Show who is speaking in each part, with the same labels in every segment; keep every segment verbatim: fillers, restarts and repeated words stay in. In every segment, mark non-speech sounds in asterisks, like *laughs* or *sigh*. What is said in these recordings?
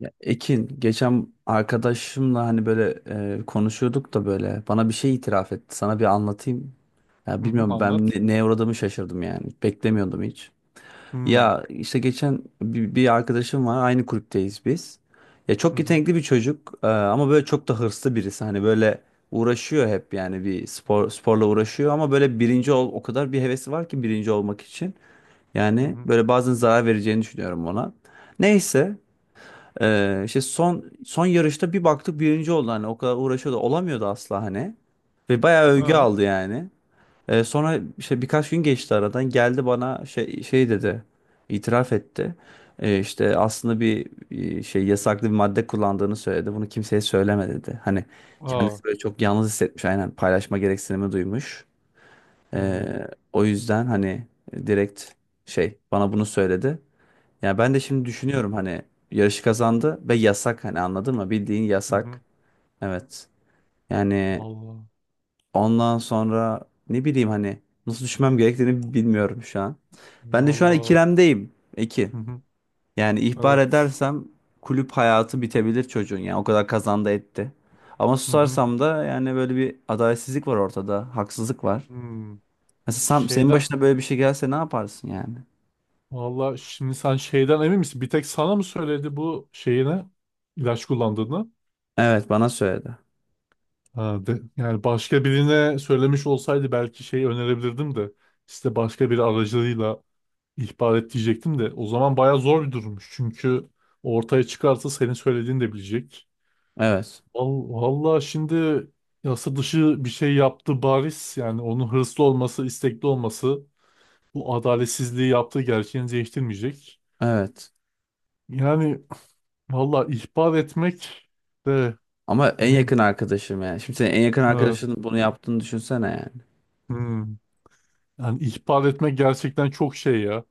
Speaker 1: Ya Ekin geçen arkadaşımla hani böyle e, konuşuyorduk da böyle bana bir şey itiraf etti. Sana bir anlatayım. Ya
Speaker 2: Hı hı,
Speaker 1: bilmiyorum ben
Speaker 2: anlat.
Speaker 1: ne, neye uğradığımı şaşırdım yani. Beklemiyordum hiç.
Speaker 2: Hı
Speaker 1: Ya işte geçen bir, bir arkadaşım var. Aynı kulüpteyiz biz. Ya
Speaker 2: hı
Speaker 1: çok
Speaker 2: hı
Speaker 1: yetenekli bir çocuk e, ama böyle çok da hırslı birisi. Hani böyle uğraşıyor hep yani bir spor sporla uğraşıyor ama böyle birinci ol o kadar bir hevesi var ki birinci olmak için.
Speaker 2: hı.
Speaker 1: Yani
Speaker 2: Hı.
Speaker 1: böyle bazen zarar vereceğini düşünüyorum ona. Neyse ee, işte son son yarışta bir baktık birinci oldu hani o kadar uğraşıyordu olamıyordu asla hani. Ve bayağı övgü
Speaker 2: Ha.
Speaker 1: aldı yani. Ee, sonra işte birkaç gün geçti aradan geldi bana şey şey dedi. İtiraf etti. Ee, işte aslında bir e, şey yasaklı bir madde kullandığını söyledi. Bunu kimseye söyleme dedi. Hani
Speaker 2: Aa.
Speaker 1: kendisi böyle çok yalnız hissetmiş, aynen, paylaşma gereksinimi duymuş.
Speaker 2: Hı hı
Speaker 1: Ee, O yüzden hani direkt şey bana bunu söyledi. Yani ben de şimdi düşünüyorum hani yarışı kazandı ve yasak, hani anladın mı? Bildiğin
Speaker 2: hı. Hı.
Speaker 1: yasak. Evet. Yani
Speaker 2: Vallahi.
Speaker 1: ondan sonra ne bileyim hani nasıl düşmem gerektiğini bilmiyorum şu an. Ben de şu an
Speaker 2: Vallahi.
Speaker 1: ikilemdeyim. İki.
Speaker 2: Hı hı.
Speaker 1: Yani ihbar
Speaker 2: Evet.
Speaker 1: edersem kulüp hayatı bitebilir çocuğun, yani o kadar kazandı etti. Ama
Speaker 2: Hı hı.
Speaker 1: susarsam da yani böyle bir adaletsizlik var ortada. Haksızlık var.
Speaker 2: Hı.
Speaker 1: Mesela sen, senin
Speaker 2: Şeyden.
Speaker 1: başına böyle bir şey gelse ne yaparsın yani?
Speaker 2: Vallahi şimdi sen şeyden emin misin? Bir tek sana mı söyledi bu şeyine ilaç kullandığını?
Speaker 1: Evet, bana söyledi.
Speaker 2: Ha, de, yani başka birine söylemiş olsaydı belki şey önerebilirdim de işte başka bir aracılığıyla ihbar et diyecektim de o zaman bayağı zor bir durummuş. Çünkü ortaya çıkarsa senin söylediğini de bilecek.
Speaker 1: Evet.
Speaker 2: Val- Vallahi şimdi yasa dışı bir şey yaptı bariz. Yani onun hırslı olması, istekli olması bu adaletsizliği yaptığı gerçeğini değiştirmeyecek.
Speaker 1: Evet.
Speaker 2: Yani vallahi ihbar etmek de
Speaker 1: Ama en
Speaker 2: ne?
Speaker 1: yakın arkadaşım yani. Şimdi senin en yakın
Speaker 2: Evet.
Speaker 1: arkadaşın bunu yaptığını düşünsene yani.
Speaker 2: Hmm. Yani ihbar etmek gerçekten çok şey ya.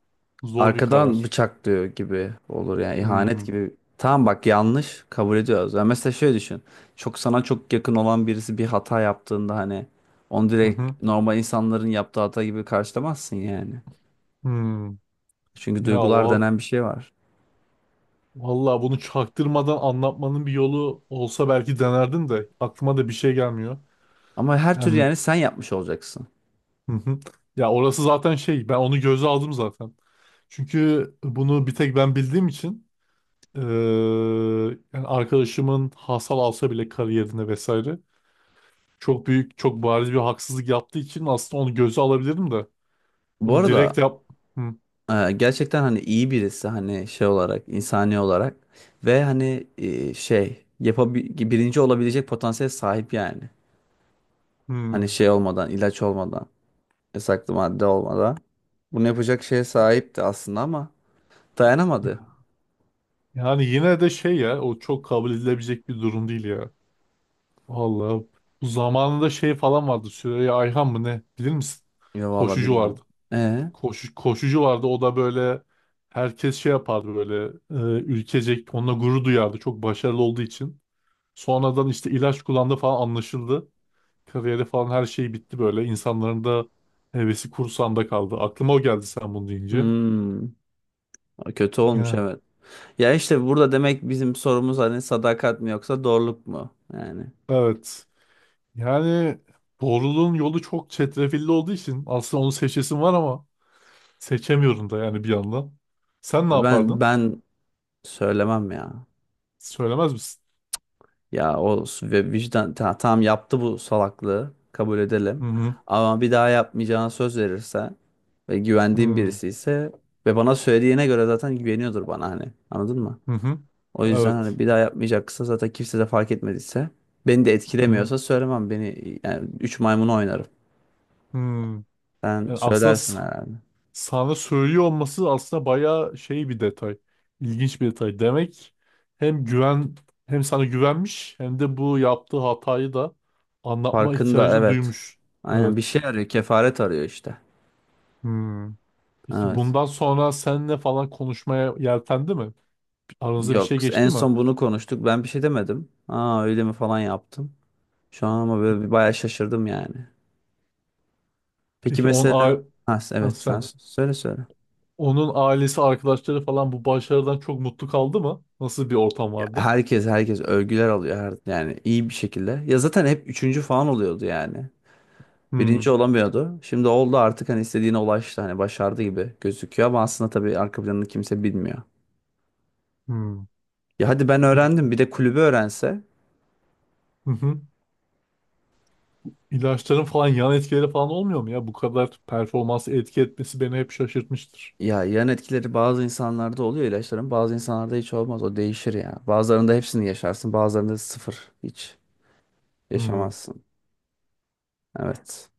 Speaker 2: Zor bir
Speaker 1: Arkadan
Speaker 2: karar.
Speaker 1: bıçaklıyor gibi olur yani, ihanet
Speaker 2: Hmm.
Speaker 1: gibi. Tamam bak, yanlış, kabul ediyoruz. Yani mesela şöyle düşün. Çok sana çok yakın olan birisi bir hata yaptığında hani onu
Speaker 2: Hı
Speaker 1: direkt
Speaker 2: hı.
Speaker 1: normal insanların yaptığı hata gibi karşılamazsın yani.
Speaker 2: Hmm.
Speaker 1: Çünkü
Speaker 2: Ya
Speaker 1: duygular
Speaker 2: val
Speaker 1: denen bir şey var.
Speaker 2: valla bunu çaktırmadan anlatmanın bir yolu olsa belki denerdim de aklıma da bir şey gelmiyor.
Speaker 1: Ama her türlü
Speaker 2: Yani,
Speaker 1: yani sen yapmış olacaksın.
Speaker 2: hı hı. Ya orası zaten şey, ben onu göze aldım zaten. Çünkü bunu bir tek ben bildiğim için eee, yani arkadaşımın hasal alsa bile kariyerine vesaire çok büyük çok bariz bir haksızlık yaptığı için aslında onu göze alabilirdim de
Speaker 1: Bu
Speaker 2: bunu
Speaker 1: arada
Speaker 2: direkt yap. Hı,
Speaker 1: Ee, gerçekten hani iyi birisi, hani şey olarak, insani olarak ve hani e, şey yapabi birinci olabilecek potansiyel sahip yani. Hani
Speaker 2: hı.
Speaker 1: şey olmadan, ilaç olmadan, yasaklı madde olmadan bunu yapacak şeye sahipti aslında ama dayanamadı.
Speaker 2: Yani yine de şey ya, o çok kabul edilebilecek bir durum değil ya. Vallahi bu zamanında şey falan vardı, Süreyya Ayhan mı ne, bilir misin?
Speaker 1: Ya vallahi
Speaker 2: Koşucu vardı.
Speaker 1: bilmiyorum. E
Speaker 2: Koşu, koşucu vardı. O da böyle herkes şey yapardı böyle, e, ülkecek onunla gurur duyardı çok başarılı olduğu için. Sonradan işte ilaç kullandı falan, anlaşıldı. Kariyeri falan her şey bitti böyle. İnsanların da hevesi kursağında kaldı. Aklıma o geldi sen bunu deyince.
Speaker 1: hmm, Kötü olmuş,
Speaker 2: Ya.
Speaker 1: evet. Ya işte burada demek bizim sorumuz hani sadakat mi yoksa doğruluk mu yani.
Speaker 2: Evet. Yani doğruluğun yolu çok çetrefilli olduğu için aslında onu seçesim var ama seçemiyorum da yani bir yandan. Sen ne
Speaker 1: Ben
Speaker 2: yapardın?
Speaker 1: ben söylemem ya.
Speaker 2: Söylemez misin?
Speaker 1: Ya o s- ve vicdan ta- tamam, yaptı bu salaklığı, kabul
Speaker 2: Hı
Speaker 1: edelim.
Speaker 2: hı.
Speaker 1: Ama bir daha yapmayacağına söz verirse ve güvendiğim
Speaker 2: Hı
Speaker 1: birisi ise ve bana söylediğine göre zaten güveniyordur bana hani, anladın mı?
Speaker 2: hı. Hı.
Speaker 1: O yüzden hani
Speaker 2: Evet.
Speaker 1: bir daha yapmayacaksa, zaten kimse de fark etmediyse, beni de
Speaker 2: Hı hı.
Speaker 1: etkilemiyorsa söylemem, beni yani, üç maymunu oynarım.
Speaker 2: Hmm.
Speaker 1: Sen
Speaker 2: Yani aslında
Speaker 1: söylersin
Speaker 2: s-
Speaker 1: herhalde.
Speaker 2: sana söylüyor olması aslında bayağı şey, bir detay. İlginç bir detay. Demek hem güven hem sana güvenmiş hem de bu yaptığı hatayı da anlatma ihtiyacı
Speaker 1: Farkında,
Speaker 2: da
Speaker 1: evet.
Speaker 2: duymuş.
Speaker 1: Aynen, bir
Speaker 2: Evet.
Speaker 1: şey arıyor, kefaret arıyor işte.
Speaker 2: Hmm. Peki
Speaker 1: Evet.
Speaker 2: bundan sonra seninle falan konuşmaya yeltendi mi? Aranızda bir şey
Speaker 1: Yok, en
Speaker 2: geçti mi?
Speaker 1: son bunu konuştuk, ben bir şey demedim. Aa öyle mi falan yaptım. Şu an ama böyle
Speaker 2: Hmm.
Speaker 1: bir bayağı şaşırdım yani. Peki
Speaker 2: Peki on
Speaker 1: mesela
Speaker 2: a
Speaker 1: ha,
Speaker 2: Ha,
Speaker 1: evet sen
Speaker 2: sen,
Speaker 1: s- söyle söyle.
Speaker 2: onun ailesi, arkadaşları falan bu başarıdan çok mutlu kaldı mı? Nasıl bir ortam
Speaker 1: Ya
Speaker 2: vardı?
Speaker 1: Herkes herkes övgüler alıyor her, yani iyi bir şekilde. Ya zaten hep üçüncü falan oluyordu yani.
Speaker 2: Hmm.
Speaker 1: Birinci olamıyordu. Şimdi oldu artık, hani istediğine ulaştı, hani başardı gibi gözüküyor ama aslında tabii arka planını kimse bilmiyor.
Speaker 2: Hmm.
Speaker 1: Ya hadi ben
Speaker 2: Bu il-
Speaker 1: öğrendim, bir de kulübü öğrense.
Speaker 2: Hı hı. İlaçların falan yan etkileri falan olmuyor mu ya? Bu kadar performansı etki etmesi beni hep şaşırtmıştır.
Speaker 1: Ya yan etkileri bazı insanlarda oluyor ilaçların, bazı insanlarda hiç olmaz, o değişir ya. Bazılarında hepsini yaşarsın, bazılarında sıfır, hiç
Speaker 2: Hmm,
Speaker 1: yaşamazsın. Evet.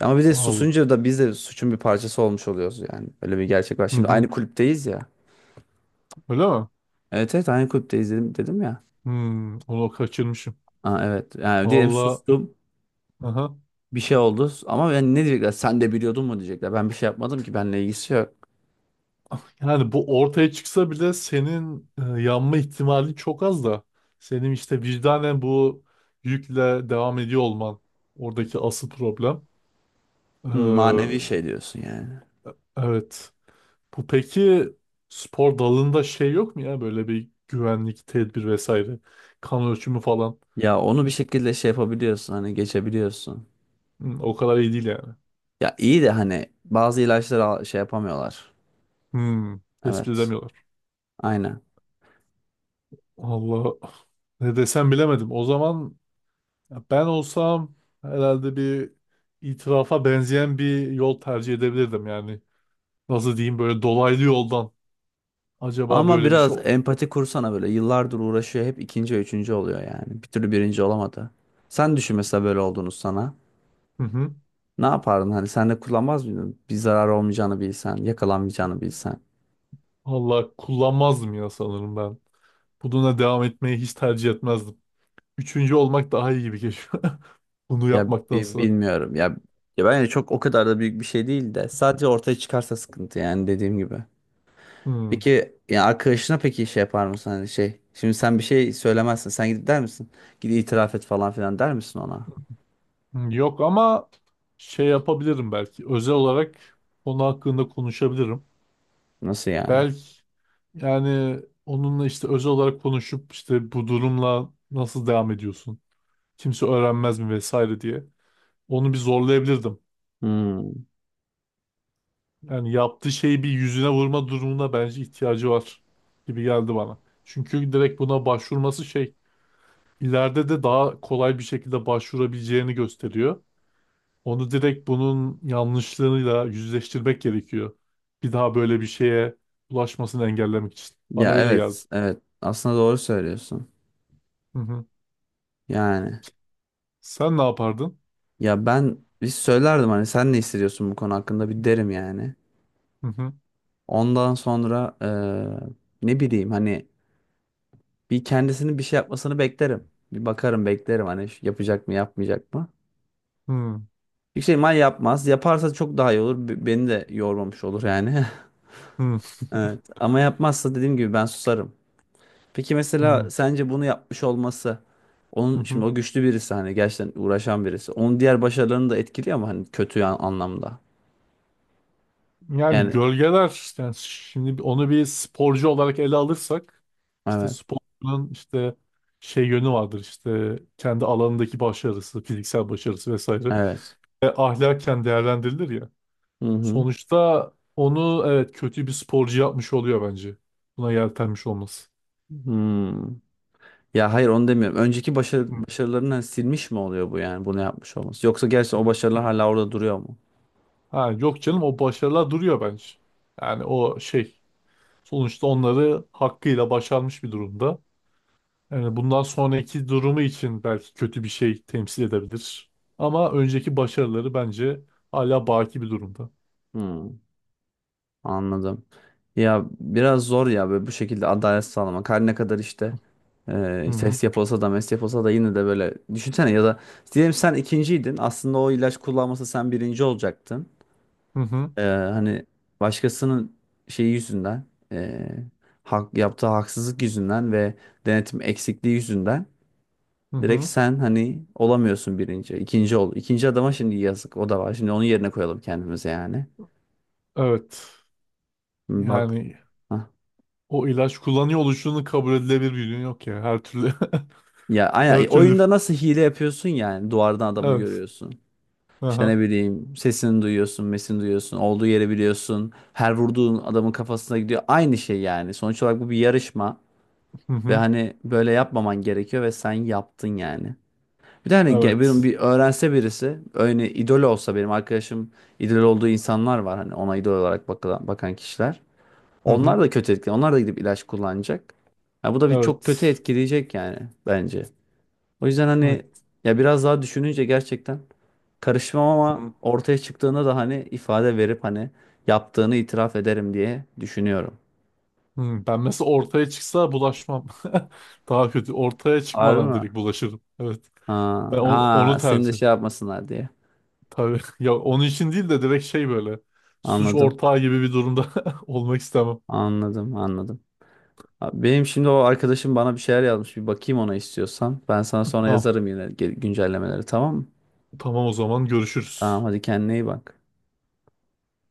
Speaker 1: Ama bir de
Speaker 2: al.
Speaker 1: susunca da biz de suçun bir parçası olmuş oluyoruz yani. Öyle bir gerçek var.
Speaker 2: Hı
Speaker 1: Şimdi
Speaker 2: hı.
Speaker 1: aynı kulüpteyiz ya.
Speaker 2: Öyle mi?
Speaker 1: Evet evet, aynı kulüpteyiz dedim, dedim ya.
Speaker 2: Hmm, onu kaçırmışım.
Speaker 1: Aa, evet, yani diyelim
Speaker 2: Valla,
Speaker 1: sustum,
Speaker 2: aha.
Speaker 1: bir şey oldu, ama yani ne diyecekler, sen de biliyordun mu diyecekler. Ben bir şey yapmadım ki, benimle ilgisi yok.
Speaker 2: Yani bu ortaya çıksa bile senin e, yanma ihtimali çok az da, senin işte vicdanen bu yükle devam ediyor olman oradaki asıl problem. Ee,
Speaker 1: Hı, manevi şey diyorsun yani.
Speaker 2: evet. Bu peki spor dalında şey yok mu ya, böyle bir güvenlik tedbir vesaire, kan ölçümü falan.
Speaker 1: Ya onu bir
Speaker 2: Hiç,
Speaker 1: şekilde şey yapabiliyorsun hani, geçebiliyorsun.
Speaker 2: hmm, o kadar iyi değil yani.
Speaker 1: Ya iyi de hani bazı ilaçları al- şey yapamıyorlar.
Speaker 2: Hmm, tespit
Speaker 1: Evet,
Speaker 2: edemiyorlar.
Speaker 1: aynen.
Speaker 2: Allah ne desem bilemedim. O zaman ben olsam herhalde bir itirafa benzeyen bir yol tercih edebilirdim yani. Nasıl diyeyim, böyle dolaylı yoldan. Acaba
Speaker 1: Ama
Speaker 2: böyle bir
Speaker 1: biraz
Speaker 2: şey...
Speaker 1: empati kursana böyle. Yıllardır uğraşıyor. Hep ikinci ve üçüncü oluyor yani. Bir türlü birinci olamadı. Sen düşün mesela böyle olduğunu sana.
Speaker 2: Hı hı.
Speaker 1: Ne yapardın? Hani sen de kullanmaz mıydın? Bir zarar olmayacağını bilsen, yakalanmayacağını bilsen.
Speaker 2: Allah kullanmazdım ya sanırım ben. Bununla devam etmeyi hiç tercih etmezdim. Üçüncü olmak daha iyi gibi geliyor. *laughs* Bunu
Speaker 1: Ya bi-
Speaker 2: yapmaktansa.
Speaker 1: bilmiyorum. Ya, ya bence çok, o kadar da büyük bir şey değil de. Sadece ortaya çıkarsa sıkıntı yani, dediğim gibi.
Speaker 2: Hmm.
Speaker 1: Peki ya arkadaşına peki şey yapar mısın? Hani şey. Şimdi sen bir şey söylemezsin. Sen gidip der misin? Git itiraf et falan filan der misin ona?
Speaker 2: Hmm, yok ama şey yapabilirim belki. Özel olarak konu hakkında konuşabilirim.
Speaker 1: Nasıl yani?
Speaker 2: Belki yani onunla işte özel olarak konuşup işte bu durumla nasıl devam ediyorsun? Kimse öğrenmez mi vesaire diye. Onu bir zorlayabilirdim.
Speaker 1: Hmm.
Speaker 2: Yani yaptığı şeyi bir yüzüne vurma durumuna bence ihtiyacı var gibi geldi bana. Çünkü direkt buna başvurması şey, ileride de daha kolay bir şekilde başvurabileceğini gösteriyor. Onu direkt bunun yanlışlığıyla yüzleştirmek gerekiyor. Bir daha böyle bir şeye ulaşmasını engellemek için. Bana
Speaker 1: Ya
Speaker 2: öyle geldi.
Speaker 1: evet, evet. Aslında doğru söylüyorsun.
Speaker 2: Hı hı.
Speaker 1: Yani
Speaker 2: Sen ne yapardın?
Speaker 1: ya ben bir söylerdim hani, sen ne hissediyorsun bu konu hakkında bir derim yani.
Speaker 2: Hı hı.
Speaker 1: Ondan sonra eee, ne bileyim hani bir kendisinin bir şey yapmasını beklerim. Bir bakarım, beklerim hani şu- yapacak mı, yapmayacak mı.
Speaker 2: Hı hı.
Speaker 1: Bir şey mal yapmaz. Yaparsa çok daha iyi olur. Be- Beni de yormamış olur yani. *laughs* Evet. Ama yapmazsa dediğim gibi ben susarım. Peki mesela
Speaker 2: Hı
Speaker 1: sence bunu yapmış olması,
Speaker 2: hı.
Speaker 1: onun
Speaker 2: Hı.
Speaker 1: şimdi o güçlü birisi hani, gerçekten uğraşan birisi. Onun diğer başarılarını da etkiliyor ama hani kötü an- anlamda.
Speaker 2: Yani
Speaker 1: Yani
Speaker 2: gölgeler, yani şimdi onu bir sporcu olarak ele alırsak, işte
Speaker 1: evet.
Speaker 2: sporcunun işte şey yönü vardır, işte kendi alanındaki başarısı, fiziksel başarısı vesaire.
Speaker 1: Evet.
Speaker 2: Ve ahlaken değerlendirilir ya.
Speaker 1: Hı hı.
Speaker 2: Sonuçta onu evet, kötü bir sporcu yapmış oluyor bence. Buna yeltenmiş olması.
Speaker 1: Hmm. Ya hayır, onu demiyorum. Önceki başarı,
Speaker 2: Hı,
Speaker 1: başarılarını hani silmiş mi oluyor bu yani bunu yapmış olması? Yoksa gerçi
Speaker 2: hı,
Speaker 1: o başarılar
Speaker 2: hı.
Speaker 1: hala orada duruyor mu?
Speaker 2: Ha, yok canım, o başarılar duruyor bence. Yani o şey, sonuçta onları hakkıyla başarmış bir durumda. Yani bundan sonraki durumu için belki kötü bir şey temsil edebilir. Ama önceki başarıları bence hala baki bir durumda.
Speaker 1: Hmm. Anladım. Ya biraz zor ya böyle bu şekilde adalet sağlamak. Her ne kadar işte e,
Speaker 2: Hı hı
Speaker 1: ses yapılsa da mes yapılsa da yine de böyle düşünsene, ya da diyelim sen ikinciydin. Aslında o ilaç kullanmasa sen birinci olacaktın.
Speaker 2: hı hı.
Speaker 1: E, hani başkasının şeyi yüzünden, e, hak, yaptığı haksızlık yüzünden ve denetim eksikliği yüzünden
Speaker 2: Hı
Speaker 1: direkt
Speaker 2: hı.
Speaker 1: sen hani olamıyorsun birinci. İkinci ol. İkinci adama şimdi yazık, o da var. Şimdi onun yerine koyalım kendimize yani.
Speaker 2: Evet.
Speaker 1: Bak.
Speaker 2: Yani o ilaç kullanıyor oluşunun kabul edilebilir bir yönü yok ya. Her türlü
Speaker 1: Ya
Speaker 2: *laughs*
Speaker 1: aynen,
Speaker 2: her
Speaker 1: e,
Speaker 2: türlü,
Speaker 1: oyunda nasıl hile yapıyorsun yani, duvardan adamı
Speaker 2: evet.
Speaker 1: görüyorsun. İşte ne
Speaker 2: Aha.
Speaker 1: bileyim, sesini duyuyorsun, mesini duyuyorsun, olduğu yeri biliyorsun. Her vurduğun adamın kafasına gidiyor. Aynı şey yani. Sonuç olarak bu bir yarışma
Speaker 2: Hı
Speaker 1: ve
Speaker 2: hı.
Speaker 1: hani böyle yapmaman gerekiyor ve sen yaptın yani. Bir de hani ge- benim
Speaker 2: Evet.
Speaker 1: bir öğrense birisi, öyle idol olsa benim arkadaşım, idol olduğu insanlar var hani, ona idol olarak bakılan, bakan kişiler.
Speaker 2: Hı
Speaker 1: Onlar
Speaker 2: hı.
Speaker 1: da kötü etkili. Onlar da gidip ilaç kullanacak. Ya bu da bir çok kötü
Speaker 2: Evet.
Speaker 1: etkileyecek yani, bence. O yüzden hani
Speaker 2: Evet.
Speaker 1: ya biraz daha düşününce gerçekten karışmam, ama
Speaker 2: Hı
Speaker 1: ortaya çıktığında da hani ifade verip hani yaptığını itiraf ederim diye düşünüyorum.
Speaker 2: hı. Ben mesela ortaya çıksa bulaşmam. *laughs* Daha kötü. Ortaya
Speaker 1: Harbi
Speaker 2: çıkmadan
Speaker 1: mi?
Speaker 2: direkt bulaşırım. Evet.
Speaker 1: Ha,
Speaker 2: Ben o- onu
Speaker 1: ha seni de
Speaker 2: tercih.
Speaker 1: şey yapmasınlar diye.
Speaker 2: Tabii. *laughs* Ya onun için değil de direkt şey böyle. Suç
Speaker 1: Anladım.
Speaker 2: ortağı gibi bir durumda *laughs* olmak istemem.
Speaker 1: Anladım, anladım. Abi, benim şimdi o arkadaşım bana bir şeyler yazmış. Bir bakayım ona, istiyorsan. Ben sana sonra
Speaker 2: Tamam.
Speaker 1: yazarım yine ge- güncellemeleri, tamam mı?
Speaker 2: Tamam o zaman görüşürüz.
Speaker 1: Tamam hadi, kendine iyi bak.